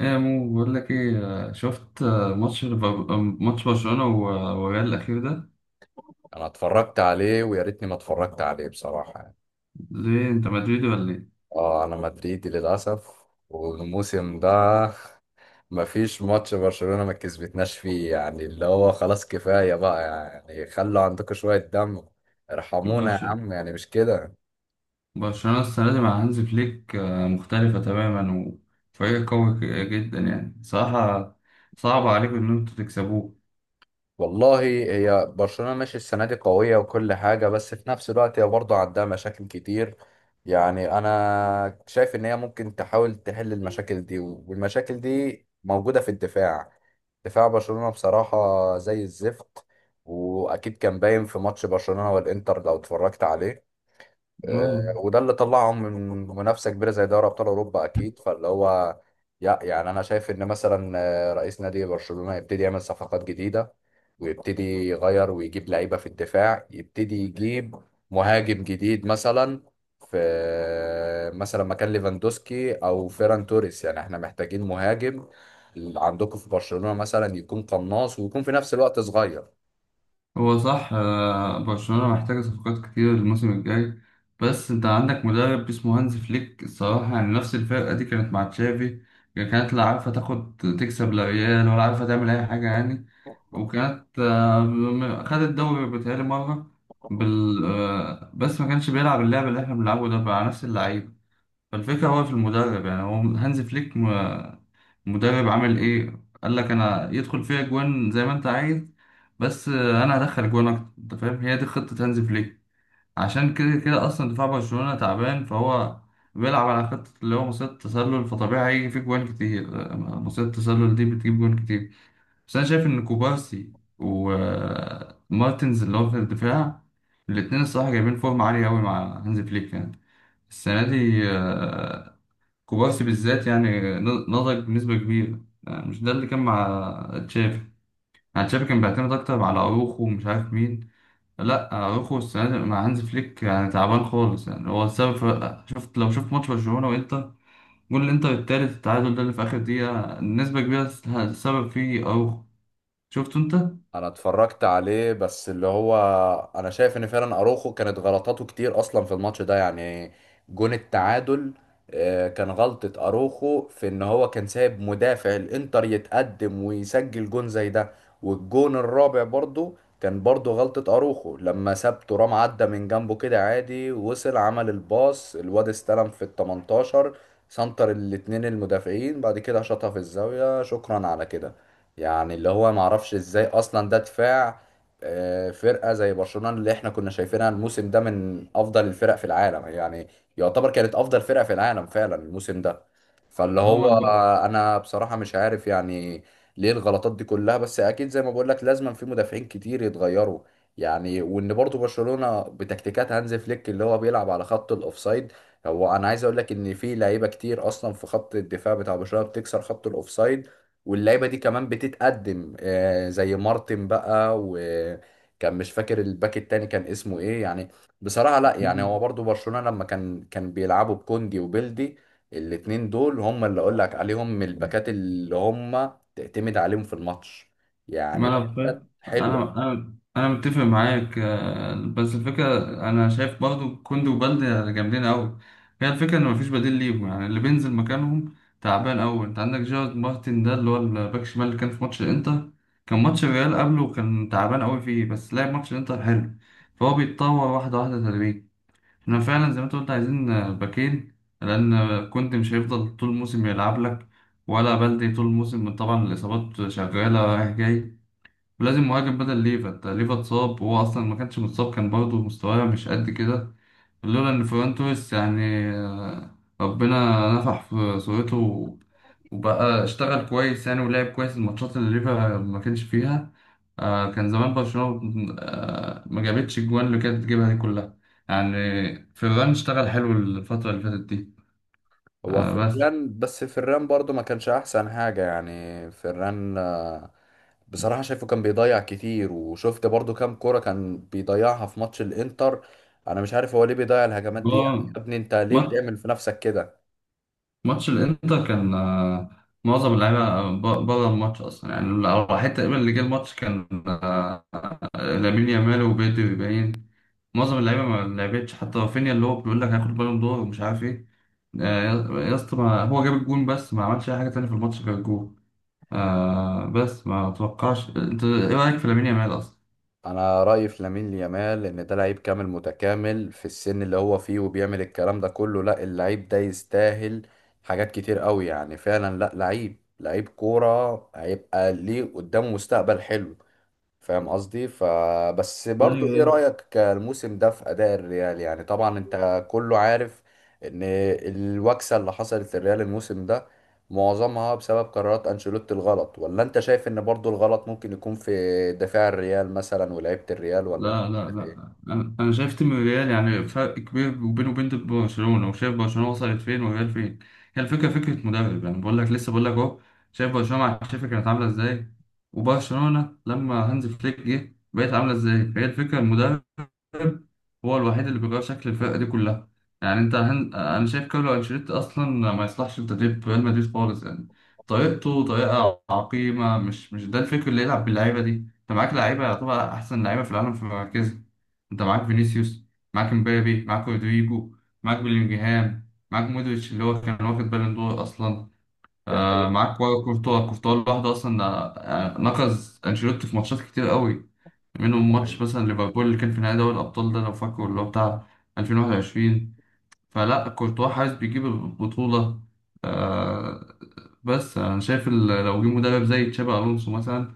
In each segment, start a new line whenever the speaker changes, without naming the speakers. ايه مو بقول لك، ايه شفت آه، ماتش ليفر- آه، ماتش برشلونة والريال الأخير ده.
انا اتفرجت عليه ويا ريتني ما اتفرجت عليه بصراحة يعني.
ليه انت مدريدي ولا ايه؟
اه انا مدريدي للاسف والموسم ده مفيش ماتش برشلونة ما كسبتناش فيه يعني اللي هو خلاص كفاية بقى يعني خلوا عندكم شوية دم ارحمونا يا
برشلونة.
عم يعني مش كده.
برشلونة السنة دي مع هانز فليك مختلفة تماما، وفريق قوي جدا يعني صراحة. صعب عليكم ان انتوا تكسبوه.
والله هي برشلونة ماشي السنة دي قوية وكل حاجة، بس في نفس الوقت هي برضه عندها مشاكل كتير. يعني أنا شايف إن هي ممكن تحاول تحل المشاكل دي، والمشاكل دي موجودة في الدفاع. دفاع برشلونة بصراحة زي الزفت، وأكيد كان باين في ماتش برشلونة والإنتر لو اتفرجت عليه.
اه.
وده اللي طلعهم من منافسه كبيره زي دوري ابطال اوروبا اكيد. فاللي هو يعني انا شايف ان مثلا رئيس نادي برشلونه يبتدي يعمل صفقات جديده، ويبتدي يغير ويجيب لعيبه في الدفاع، يبتدي يجيب مهاجم جديد مثلا في مثلا مكان ليفاندوسكي او فيران توريس. يعني احنا محتاجين مهاجم عندكم في برشلونه مثلا يكون قناص ويكون في نفس الوقت صغير.
هو صح، برشلونة محتاجة صفقات كتير الموسم الجاي، بس انت عندك مدرب اسمه هانز فليك. الصراحة يعني نفس الفرقة دي كانت مع تشافي، يعني كانت لا عارفة تاخد تكسب لا ريال ولا عارفة تعمل أي حاجة يعني. وكانت خدت الدوري بتهيألي مرة، بال آه، بس ما كانش بيلعب اللعب اللي احنا بنلعبه ده مع نفس اللعيبة. فالفكرة هو في المدرب، يعني هو هانز فليك المدرب. عمل ايه قال لك انا يدخل فيها جوان زي ما انت عايز، بس انا هدخل جوان اكتر. انت فاهم هي دي خطة هانز فليك. عشان كده كده اصلا دفاع برشلونة تعبان، فهو بيلعب على خطة اللي هو مصيدة التسلل، فطبيعي هيجي فيه جوان كتير. مصيدة التسلل دي بتجيب جوان كتير، بس انا شايف ان كوبارسي ومارتنز اللي هو في الدفاع، الاتنين الصراحة جايبين فورمة عالية أوي مع هانز فليك يعني السنة دي. كوبارسي بالذات يعني نضج بنسبة كبيرة، يعني مش ده اللي كان مع تشافي. يعني تشافي كان بيعتمد أكتر على أروخو ومش عارف مين. لا، أروخو السنة دي مع هانز فليك يعني تعبان خالص، يعني هو السبب في... لو شفت ماتش برشلونة وإنتر، جول الإنتر التالت، التعادل ده اللي في آخر دقيقة نسبة كبيرة السبب فيه أروخو. شفته أنت؟
انا اتفرجت عليه، بس اللي هو انا شايف ان فعلا اروخو كانت غلطاته كتير اصلا في الماتش ده يعني. جون التعادل كان غلطة اروخو في ان هو كان سايب مدافع الانتر يتقدم ويسجل جون زي ده. والجون الرابع برضو كان برضو غلطة اروخو لما ساب ترام عدى من جنبه كده عادي، وصل عمل الباص، الواد استلم في ال 18 سنتر، الاتنين المدافعين بعد كده شاطها في الزاوية، شكرا على كده. يعني اللي هو معرفش ازاي اصلا ده دفاع فرقة زي برشلونة اللي احنا كنا شايفينها الموسم ده من افضل الفرق في العالم، يعني يعتبر كانت افضل فرقة في العالم فعلا الموسم ده. فاللي
هو
هو انا بصراحة مش عارف يعني ليه الغلطات دي كلها، بس اكيد زي ما بقول لك لازم في مدافعين كتير يتغيروا. يعني وان برضو برشلونة بتكتيكات هانز فليك اللي هو بيلعب على خط الاوفسايد، هو انا عايز اقول لك ان في لعيبة كتير اصلا في خط الدفاع بتاع برشلونة بتكسر خط الاوفسايد. واللعيبه دي كمان بتتقدم زي مارتن بقى، وكان مش فاكر الباك التاني كان اسمه ايه يعني. بصراحه لا، يعني هو برضو برشلونه لما كان بيلعبوا بكوندي وبيلدي، الاتنين دول هم اللي اقول لك عليهم من الباكات اللي هم تعتمد عليهم في الماتش،
ما
يعني
انا
باكات
فاهم، انا
حلوه.
انا انا متفق معاك. بس الفكره، انا شايف برضو كوندي وبالدي يعني جامدين قوي. هي الفكره ان مفيش بديل ليهم، يعني اللي بينزل مكانهم تعبان قوي. انت عندك جيرارد مارتن ده اللي هو الباك شمال اللي كان في ماتش الانتر، كان ماتش الريال قبله كان تعبان قوي فيه، بس لعب ماتش الانتر حلو. فهو بيتطور واحده واحده تدريجيا. احنا فعلا زي ما انت قلت عايزين باكين، لان كوندي مش هيفضل طول الموسم يلعب لك، ولا بالدي طول الموسم. طبعا الاصابات شغاله رايح جاي، ولازم مهاجم بدل ليفا. انت ليفا اتصاب، وهو اصلا ما كانش متصاب كان برضه مستواه مش قد كده، لولا ان فران توريس يعني ربنا نفح في صورته وبقى اشتغل كويس، يعني ولعب كويس الماتشات اللي ليفا ما كانش فيها. كان زمان برشلونة ما جابتش الجوان اللي كانت تجيبها دي كلها يعني. فران اشتغل حلو الفترة اللي فاتت دي.
هو
بس
فران، بس فران برضو ما كانش احسن حاجة، يعني فران بصراحة شايفه كان بيضيع كتير، وشفت برضو كام كورة كان بيضيعها في ماتش الانتر. انا مش عارف هو ليه بيضيع الهجمات دي يعني، يا
هو
ابني انت ليه بتعمل في نفسك كده.
ماتش الانتر كان معظم اللعيبه بره الماتش اصلا، يعني الوحيد تقريبا اللي جه الماتش كان آه، لامين يامال وبيدري باين. معظم اللعيبه ما لعبتش، حتى رافينيا اللي هو بيقول لك هياخد بالون دور ومش عارف ايه. يا يا اسطى، هو جاب الجون بس ما عملش اي حاجه تانية في الماتش غير الجون. بس ما اتوقعش. انت ايه رايك في لامين يامال اصلا؟
انا رأيي في لامين يامال ان ده لعيب كامل متكامل في السن اللي هو فيه وبيعمل الكلام ده كله، لا اللعيب ده يستاهل حاجات كتير قوي، يعني فعلا لا لعيب، لعيب كورة هيبقى ليه قدامه مستقبل حلو. فاهم قصدي؟ فبس برضو
ايوه.
ايه رأيك الموسم ده في اداء الريال؟ يعني طبعا انت كله عارف ان الوكسة اللي حصلت للريال الموسم ده معظمها بسبب قرارات انشيلوتي الغلط، ولا انت شايف ان برضو الغلط ممكن يكون في دفاع الريال مثلا ولاعيبة الريال، ولا انت
لا لا
شايف ايه؟
لا، أنا شايف تيم الريال يعني فرق كبير، وبينه وبين برشلونه، وشايف برشلونه وصلت فين والريال فين. هي الفكره فكره مدرب. يعني بقول لك، لسه بقول لك اهو، شايف برشلونه مع تشافي كانت عامله ازاي، وبرشلونه لما هانز فليك جه بقت عامله ازاي. فهي الفكره، المدرب هو الوحيد اللي بيغير شكل الفرقة دي كلها. يعني انت انا شايف كارلو انشيلوتي اصلا ما يصلحش لتدريب ريال مدريد خالص، يعني طريقته طريقة عقيمة. مش ده الفكر اللي يلعب باللعيبة دي. انت معاك لعيبة يعتبر احسن لعيبة في العالم في مراكزها. انت معاك فينيسيوس، معاك مبابي، معاك رودريجو، معاك بيلينجهام، معاك مودريتش اللي هو كان واخد بالون دور اصلا.
دي
آه،
حقيقة.
معاك كورتوا. كورتوا لوحده اصلا نقز انشيلوتي في ماتشات كتير قوي، منهم
ده
ماتش
حقيقي.
مثلا ليفربول اللي كان في نهائي دوري الأبطال ده لو فاكره، اللي هو بتاع 2021. فلا كورتوا حاسس بيجيب البطولة. آه بس أنا شايف لو جه مدرب زي تشابي ألونسو مثلا،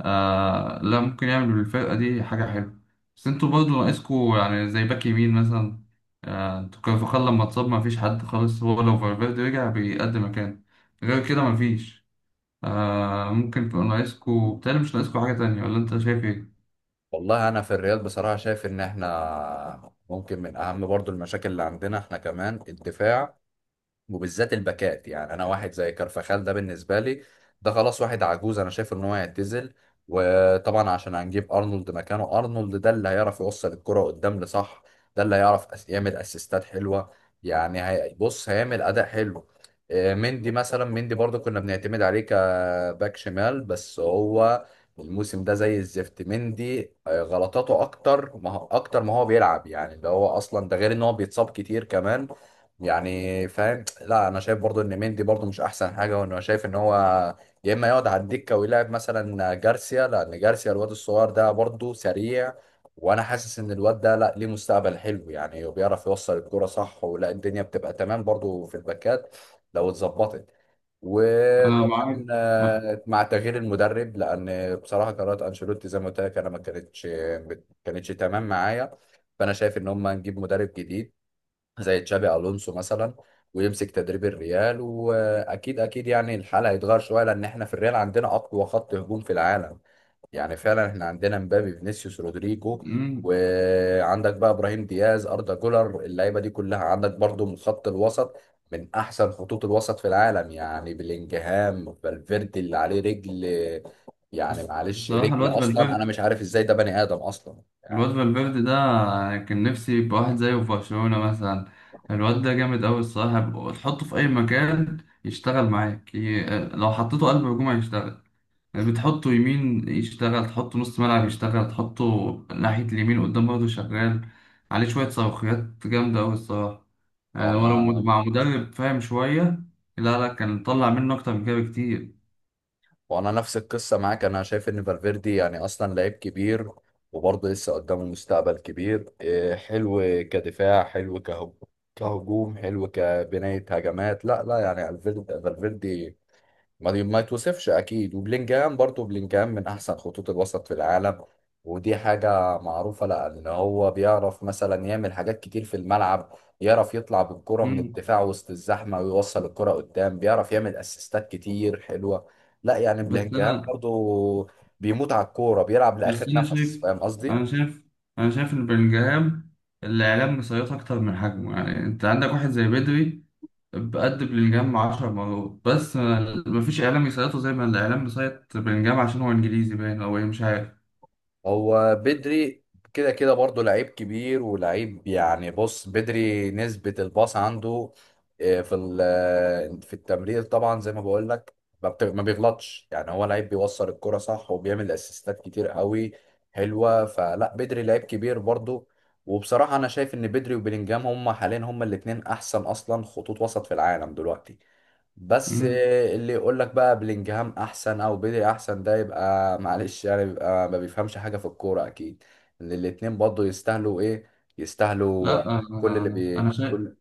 لا ممكن يعمل بالفرقة دي حاجة حلوة. بس انتوا برضه ناقصكوا يعني زي باك يمين مثلا. انتوا كارفاخال لما اتصاب ما فيش حد خالص. هو لو فالفيردي رجع بيقدم مكان، غير كده ما فيش. ممكن تبقوا ناقصكوا، بتهيألي مش ناقصكوا حاجة تانية، ولا انت شايف ايه؟
والله انا في الريال بصراحة شايف ان احنا ممكن من اهم برضو المشاكل اللي عندنا احنا كمان الدفاع، وبالذات الباكات. يعني انا واحد زي كارفاخال ده بالنسبه لي ده خلاص واحد عجوز، انا شايف ان هو هيعتزل. وطبعا عشان هنجيب ارنولد مكانه، ارنولد ده اللي هيعرف يوصل الكره قدام لصح، ده اللي هيعرف يعمل اسيستات حلوه. بص هيعمل اداء حلو. مندي مثلا، مندي برضو كنا بنعتمد عليه كباك شمال، بس هو الموسم ده زي الزفت. مندي غلطاته اكتر ما هو- اكتر ما هو بيلعب يعني ده هو اصلا، ده غير ان هو بيتصاب كتير كمان يعني فاهم؟ لا انا شايف برضو ان مندي برضو مش احسن حاجه، وانه شايف ان هو يا اما يقعد على الدكه، ويلعب مثلا جارسيا، لان جارسيا الواد الصغير ده برضو سريع. وانا حاسس ان الواد ده لا ليه مستقبل حلو يعني، وبيعرف يوصل الكوره صح، ولا الدنيا بتبقى تمام برضو في الباكات لو اتظبطت.
أنا
وطبعا
معاك.
مع تغيير المدرب، لان بصراحه قرارات انشيلوتي زي ما قلت لك انا ما كانتش تمام معايا. فانا شايف ان هم نجيب مدرب جديد زي تشابي الونسو مثلا، ويمسك تدريب الريال، واكيد اكيد يعني الحال هيتغير شويه، لان احنا في الريال عندنا اقوى خط هجوم في العالم. يعني فعلا احنا عندنا مبابي، فينيسيوس، رودريجو،
مم.
وعندك بقى ابراهيم دياز، اردا جولر، اللعيبه دي كلها. عندك برضو من خط الوسط من احسن خطوط الوسط في العالم، يعني بلينجهام، فالفيردي اللي عليه رجل. يعني
بس
معلش،
بصراحة
رجل
الواد
اصلا انا
فالفيردي
مش عارف ازاي ده بني ادم اصلا يعني.
الواد فالفيردي ده كان نفسي يبقى واحد زيه في برشلونة مثلا. الواد ده جامد أوي الصراحة، تحطه في أي مكان يشتغل معاك، لو حطيته قلب هجوم هيشتغل، بتحطه يمين يشتغل، تحطه نص ملعب يشتغل، تحطه ناحية اليمين قدام برضه شغال. عليه شوية صاروخيات جامدة أوي الصراحة. يعني هو لو
طبعا.
مع مدرب فاهم شوية، لا لا كان طلع منه أكتر من كده بكتير.
وانا نفس القصه معاك، انا شايف ان فالفيردي يعني اصلا لعيب كبير، وبرضه لسه قدامه مستقبل كبير حلو. كدفاع حلو، كهجوم، كهجوم حلو، كبنايه هجمات. لا لا يعني فالفيردي ما يتوصفش اكيد. وبلينجهام برضه، بلينجهام من احسن خطوط الوسط في العالم ودي حاجة معروفة، لأن هو بيعرف مثلا يعمل حاجات كتير في الملعب. يعرف يطلع بالكرة من
مم.
الدفاع وسط الزحمة، ويوصل الكرة قدام، بيعرف يعمل أسيستات كتير حلوة. لا يعني
بس
بلينجهام
أنا
برضه بيموت على الكورة، بيلعب
بس
لآخر
انا
نفس،
شايف
فاهم قصدي؟
انا شايف انا شايف ان بلينجهام الاعلام مسيطر اكتر من حجمه. يعني انت عندك واحد زي بدري بقد بلينجهام 10 مرات، بس مفيش اعلام يسيطره زي ما الاعلام مسيط بلينجهام، عشان هو انجليزي باين او ايه مش عارف.
هو بدري كده كده برضه لعيب كبير ولعيب، يعني بص بدري نسبة الباص عنده آه، في ال- آه، في التمرير طبعا زي ما بقول لك ما بيغلطش، يعني هو لعيب بيوصل الكرة صح وبيعمل اسيستات كتير قوي حلوة. فلا بدري لعيب كبير برضه. وبصراحة أنا شايف إن بدري وبيلينجهام هما حاليا، هما الاتنين أحسن أصلا خطوط وسط في العالم دلوقتي. بس
مم.
اللي يقول لك بقى بلينجهام احسن او بدري احسن، ده يبقى معلش يعني بيبقى ما بيفهمش حاجه في الكوره اكيد. ان الاتنين برضه يستاهلوا ايه، يستاهلوا
لا،
كل اللي
انا
بي
انا شايف.
كل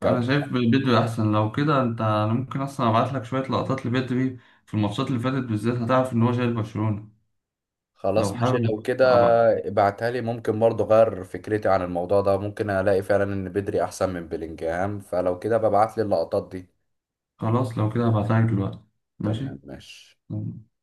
كام
انا شايف بدري احسن. لو كده انا ممكن اصلا ابعت لك شويه لقطات لبدري في الماتشات اللي فاتت بالذات، هتعرف ان هو شايل برشلونه. لو
خلاص ماشي لو
حابب
كده
ابعته؟
ابعتها لي، ممكن برضه اغير فكرتي عن الموضوع ده، ممكن الاقي فعلا ان بدري احسن من بلينجهام، فلو كده ببعت لي اللقطات دي.
خلاص لو كده هبعتها لك دلوقتي.
تمام
ماشي.
ماشي.